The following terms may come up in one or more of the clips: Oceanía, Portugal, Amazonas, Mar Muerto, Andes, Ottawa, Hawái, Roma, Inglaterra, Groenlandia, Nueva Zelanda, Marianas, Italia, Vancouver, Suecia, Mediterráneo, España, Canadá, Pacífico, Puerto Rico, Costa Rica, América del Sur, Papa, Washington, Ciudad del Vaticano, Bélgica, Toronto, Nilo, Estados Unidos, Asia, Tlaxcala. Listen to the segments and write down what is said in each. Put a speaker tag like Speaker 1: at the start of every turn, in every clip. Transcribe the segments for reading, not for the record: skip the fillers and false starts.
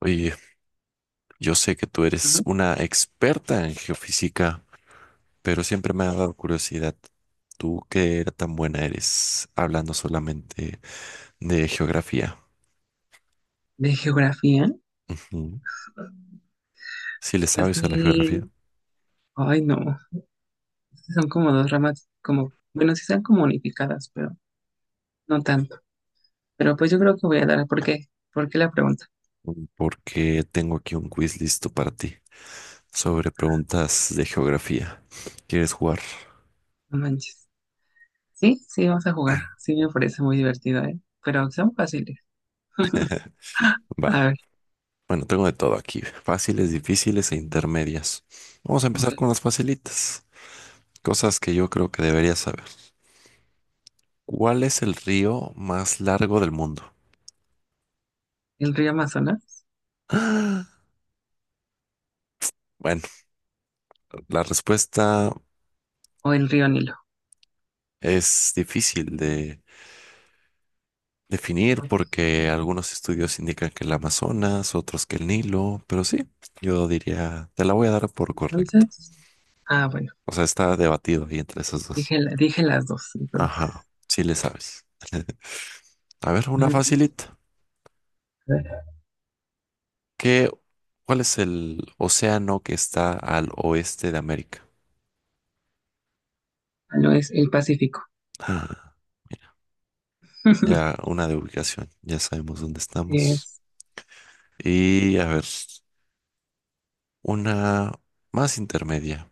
Speaker 1: Oye, yo sé que tú eres
Speaker 2: Ajá.
Speaker 1: una experta en geofísica, pero siempre me ha dado curiosidad. ¿Tú qué era tan buena eres hablando solamente de geografía?
Speaker 2: De geografía,
Speaker 1: Ujú. Si le sabes a la geografía,
Speaker 2: así, ay no, sí son como dos ramas, como, bueno, sí están como unificadas, pero no tanto. Pero pues yo creo que voy a dar, ¿por qué? ¿Por qué la pregunta?
Speaker 1: porque tengo aquí un quiz listo para ti sobre preguntas de geografía. ¿Quieres jugar?
Speaker 2: No manches. Sí, sí, vamos a jugar. Sí, me parece muy divertido, ¿eh? Pero son fáciles. A
Speaker 1: Va.
Speaker 2: ver,
Speaker 1: Bueno, tengo de todo aquí, fáciles, difíciles e intermedias. Vamos a
Speaker 2: ok.
Speaker 1: empezar con las facilitas, cosas que yo creo que deberías saber. ¿Cuál es el río más largo del mundo?
Speaker 2: ¿El río Amazonas
Speaker 1: ¡Ah! Bueno, la respuesta
Speaker 2: o el río Nilo?
Speaker 1: es difícil de definir
Speaker 2: Ok,
Speaker 1: porque algunos estudios indican que el Amazonas, otros que el Nilo, pero sí, yo diría, te la voy a dar por correcto.
Speaker 2: entonces, bueno,
Speaker 1: O sea, está debatido ahí entre esos dos.
Speaker 2: dije, dije las dos,
Speaker 1: Ajá,
Speaker 2: entonces.
Speaker 1: sí le sabes. A ver, una
Speaker 2: Ujú.
Speaker 1: facilita.
Speaker 2: A ver,
Speaker 1: ¿Qué, ¿cuál es el océano que está al oeste de América?
Speaker 2: no es el Pacífico.
Speaker 1: Ah, mira, ya una de ubicación, ya sabemos dónde
Speaker 2: Así
Speaker 1: estamos.
Speaker 2: es.
Speaker 1: Y a ver, una más intermedia.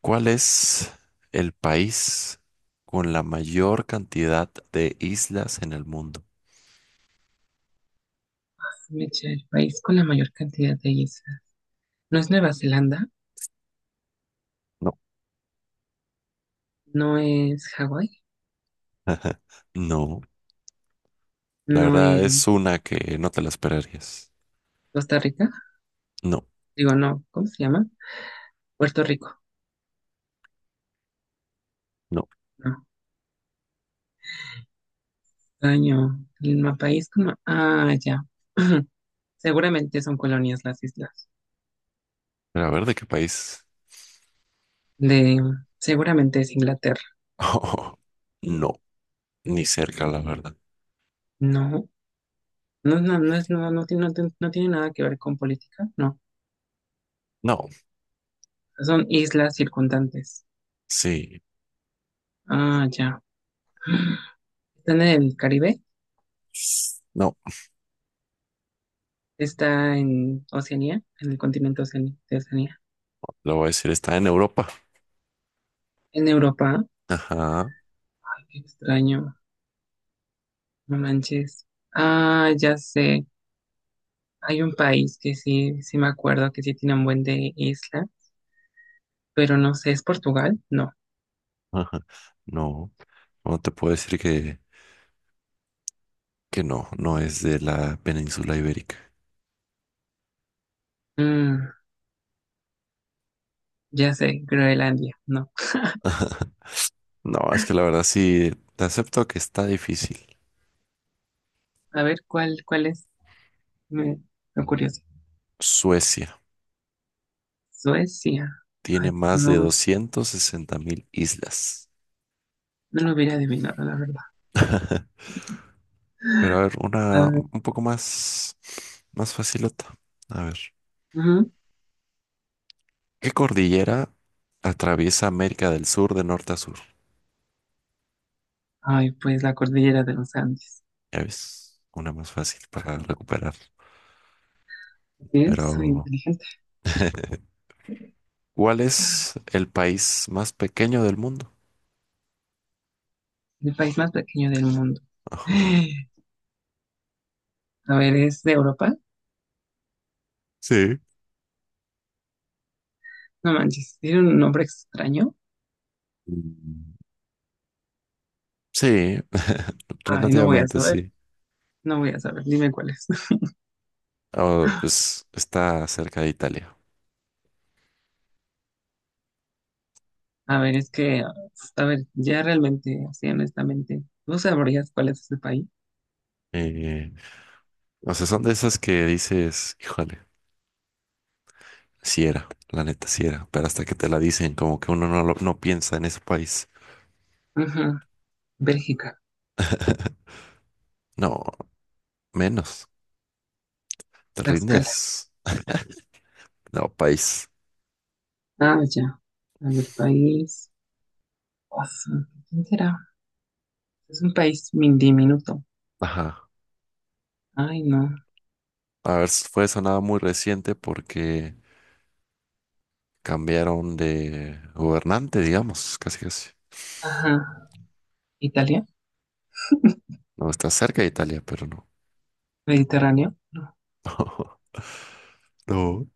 Speaker 1: ¿Cuál es el país con la mayor cantidad de islas en el mundo?
Speaker 2: Mecha, el país con la mayor cantidad de hielo. No es Nueva Zelanda,
Speaker 1: No.
Speaker 2: no es Hawái,
Speaker 1: No, la
Speaker 2: no
Speaker 1: verdad es
Speaker 2: es
Speaker 1: una que no te la esperarías.
Speaker 2: Costa Rica,
Speaker 1: No,
Speaker 2: digo, no, ¿cómo se llama? Puerto Rico,
Speaker 1: no.
Speaker 2: no, año, país como, ya, seguramente son colonias las islas,
Speaker 1: Pero a ver, ¿de qué país?
Speaker 2: de, seguramente es Inglaterra,
Speaker 1: No, ni cerca, la verdad.
Speaker 2: no, no, no, no es, no, no, no, tiene no tiene nada que ver con política, no,
Speaker 1: No,
Speaker 2: son islas circundantes,
Speaker 1: sí.
Speaker 2: ah, ya, están en el Caribe,
Speaker 1: No,
Speaker 2: está en Oceanía, en el continente de Oceanía,
Speaker 1: lo voy a decir, está en Europa.
Speaker 2: en Europa,
Speaker 1: Ajá,
Speaker 2: qué extraño. No manches. Ah, ya sé. Hay un país que sí, sí me acuerdo que sí tiene un buen de isla, pero no sé, ¿es Portugal? No.
Speaker 1: ajá. No, no te puedo decir que no es de la península ibérica.
Speaker 2: Mm, ya sé, Groenlandia, no.
Speaker 1: No, es que la verdad sí, te acepto que está difícil.
Speaker 2: A ver, ¿cuál es? Me, lo curioso.
Speaker 1: Suecia
Speaker 2: Suecia.
Speaker 1: tiene
Speaker 2: Ay,
Speaker 1: más de
Speaker 2: no,
Speaker 1: 260.000 islas.
Speaker 2: no lo hubiera adivinado, la verdad.
Speaker 1: Pero a ver,
Speaker 2: A
Speaker 1: una
Speaker 2: ver,
Speaker 1: un poco más, más facilota. A ver,
Speaker 2: ujú.
Speaker 1: ¿qué cordillera atraviesa América del Sur de norte a sur?
Speaker 2: Ay, pues la cordillera de los Andes.
Speaker 1: Ya ves, una más fácil para recuperar.
Speaker 2: Bien, soy
Speaker 1: Pero,
Speaker 2: inteligente.
Speaker 1: ¿cuál es el país más pequeño del mundo?
Speaker 2: El país más pequeño del mundo.
Speaker 1: Ajá.
Speaker 2: A ver, ¿es de Europa?
Speaker 1: Sí.
Speaker 2: No manches, tiene un nombre extraño.
Speaker 1: Mm. Sí,
Speaker 2: Ay, no voy a
Speaker 1: relativamente
Speaker 2: saber.
Speaker 1: sí.
Speaker 2: No voy a saber, dime cuáles.
Speaker 1: Ah, pues está cerca de Italia.
Speaker 2: A ver, es que, a ver, ya realmente, así honestamente, ¿no sabrías cuál es ese país?
Speaker 1: Eh, o sea, son de esas que dices, híjole, si era, la neta, si era, pero hasta que te la dicen, como que uno no, lo- no piensa en ese país.
Speaker 2: Ajá, Bélgica,
Speaker 1: No, menos, te
Speaker 2: Tlaxcala.
Speaker 1: rindes. No, país.
Speaker 2: Ah, ya. A ver, país. Oso, ¿quién será? Es un país diminuto.
Speaker 1: Ajá.
Speaker 2: Ay, no.
Speaker 1: A ver, fue sonada muy reciente porque cambiaron de gobernante, digamos, casi casi.
Speaker 2: Ajá. ¿Italia?
Speaker 1: No, está cerca de Italia, pero no.
Speaker 2: ¿Mediterráneo? No.
Speaker 1: No.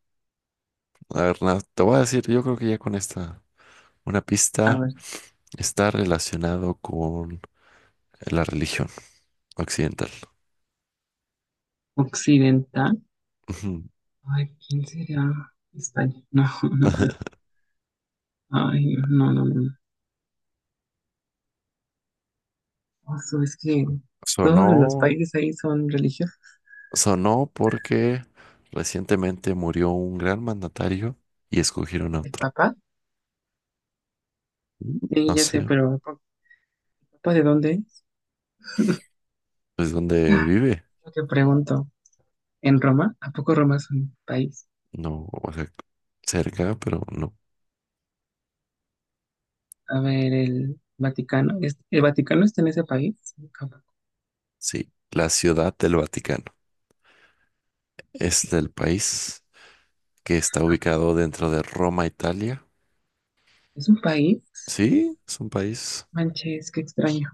Speaker 1: A ver, nada, te voy a decir, yo creo que ya con esta. Una
Speaker 2: A
Speaker 1: pista
Speaker 2: ver,
Speaker 1: está relacionado con la religión occidental.
Speaker 2: occidental.
Speaker 1: Ujú.
Speaker 2: Ay, ¿quién será? España. No, no creo. Ay, no, no, no. Oso, es que todos
Speaker 1: Sonó,
Speaker 2: los países ahí son religiosos.
Speaker 1: sonó porque recientemente murió un gran mandatario y escogieron a
Speaker 2: ¿El
Speaker 1: otro.
Speaker 2: Papa?
Speaker 1: Mm.
Speaker 2: Sí,
Speaker 1: No
Speaker 2: ya sé,
Speaker 1: sé,
Speaker 2: pero ¿a ¿papá de dónde es?
Speaker 1: pues dónde vive.
Speaker 2: Yo te pregunto, ¿en Roma? ¿A poco Roma es un país?
Speaker 1: No, o sea, cerca, pero no.
Speaker 2: A ver, el Vaticano, ¿el Vaticano está en ese país? Sí, cabrón.
Speaker 1: Sí, la Ciudad del Vaticano. Es del país que está ubicado dentro de Roma, Italia.
Speaker 2: ¿Es un país?
Speaker 1: Sí, es un país,
Speaker 2: Manches, qué extraño.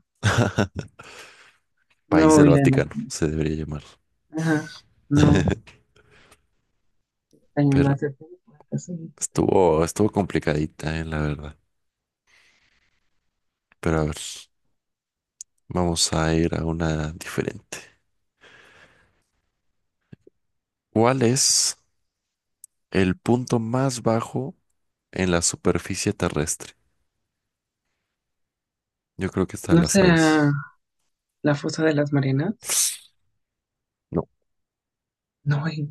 Speaker 2: No
Speaker 1: país
Speaker 2: lo
Speaker 1: del
Speaker 2: hubiera
Speaker 1: Vaticano,
Speaker 2: imaginado.
Speaker 1: se debería llamar.
Speaker 2: Ajá, no, extraño, lo
Speaker 1: Pero
Speaker 2: acepté por acaso.
Speaker 1: Estuvo complicadita, la verdad. Pero a ver, vamos a ir a una diferente. ¿Cuál es el punto más bajo en la superficie terrestre? Yo creo que esta
Speaker 2: ¿No
Speaker 1: la
Speaker 2: será
Speaker 1: sabes.
Speaker 2: la fosa de las Marianas?
Speaker 1: No,
Speaker 2: No,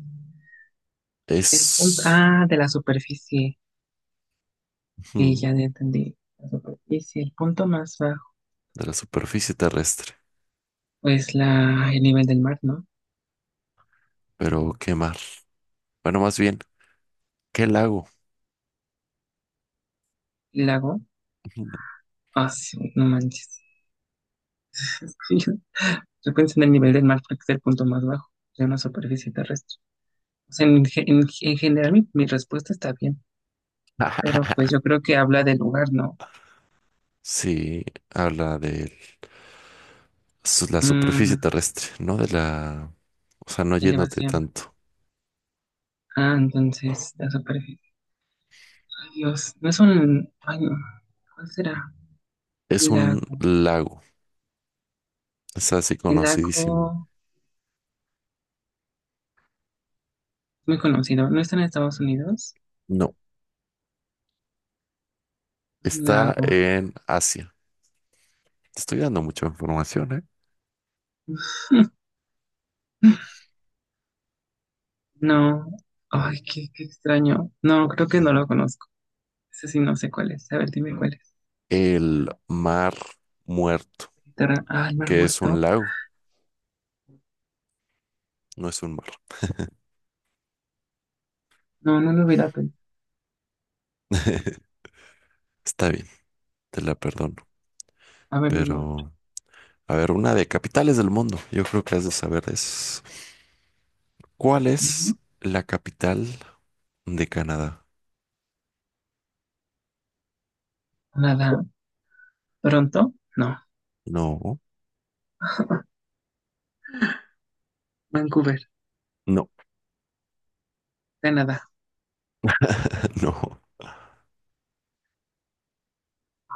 Speaker 2: el punto,
Speaker 1: es
Speaker 2: de la superficie. Sí,
Speaker 1: ujú,
Speaker 2: ya entendí. La superficie, el punto más bajo
Speaker 1: de la superficie terrestre.
Speaker 2: es el nivel del mar, ¿no?
Speaker 1: Pero qué mar. Bueno, más bien, ¿qué lago?
Speaker 2: El lago.
Speaker 1: Ujú.
Speaker 2: Ah, sí, no manches. Es que yo pensé en el nivel del mar porque es el punto más bajo de una superficie terrestre. O sea, en general mi respuesta está bien, pero pues yo creo que habla del lugar, ¿no?
Speaker 1: Sí, habla de la superficie
Speaker 2: Mm,
Speaker 1: terrestre, no de la, o sea, no yéndote
Speaker 2: elevación.
Speaker 1: tanto.
Speaker 2: Ah, entonces la superficie. Ay, Dios, no es un... Ay, no. ¿Cuál será?
Speaker 1: Es un
Speaker 2: Lago.
Speaker 1: lago. Es así
Speaker 2: El
Speaker 1: conocidísimo.
Speaker 2: lago es muy conocido. ¿No está en Estados Unidos?
Speaker 1: No,
Speaker 2: Un
Speaker 1: está
Speaker 2: lago.
Speaker 1: en Asia. Te estoy dando mucha información, ¿eh?
Speaker 2: No. Ay, qué extraño. No, creo que no lo conozco. Ese sí no sé cuál es. A ver, dime cuál es.
Speaker 1: El Mar Muerto,
Speaker 2: Ah, el mar
Speaker 1: que es
Speaker 2: muerto.
Speaker 1: un lago, no es un mar.
Speaker 2: No, no lo hubiera pensado.
Speaker 1: Está bien, te la perdono.
Speaker 2: A ver, dime otro.
Speaker 1: Pero, a ver, una de capitales del mundo. Yo creo que has de saber es. ¿Cuál es
Speaker 2: No,
Speaker 1: la capital de Canadá?
Speaker 2: nada. ¿Toronto? No.
Speaker 1: No,
Speaker 2: Vancouver,
Speaker 1: no,
Speaker 2: Canadá.
Speaker 1: no.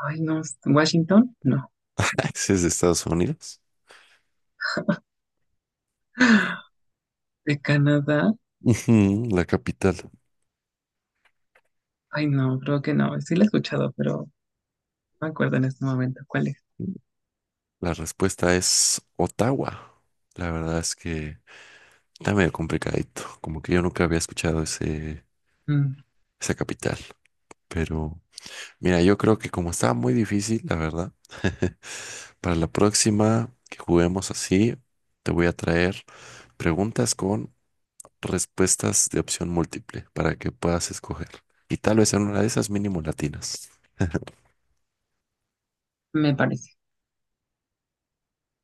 Speaker 2: Ay, no. ¿Washington? No.
Speaker 1: ¿Ese es de Estados Unidos?
Speaker 2: ¿De Canadá?
Speaker 1: Ujú, la capital.
Speaker 2: Ay, no, creo que no. Sí lo he escuchado, pero no me acuerdo en este momento cuál es.
Speaker 1: La respuesta es Ottawa. La verdad es que está medio complicadito, como que yo nunca había escuchado ese,
Speaker 2: Mm,
Speaker 1: esa capital. Pero mira, yo creo que como estaba muy difícil, la verdad, para la próxima que juguemos así, te voy a traer preguntas con respuestas de opción múltiple para que puedas escoger. Y tal vez en una de esas mínimo latinas.
Speaker 2: me parece.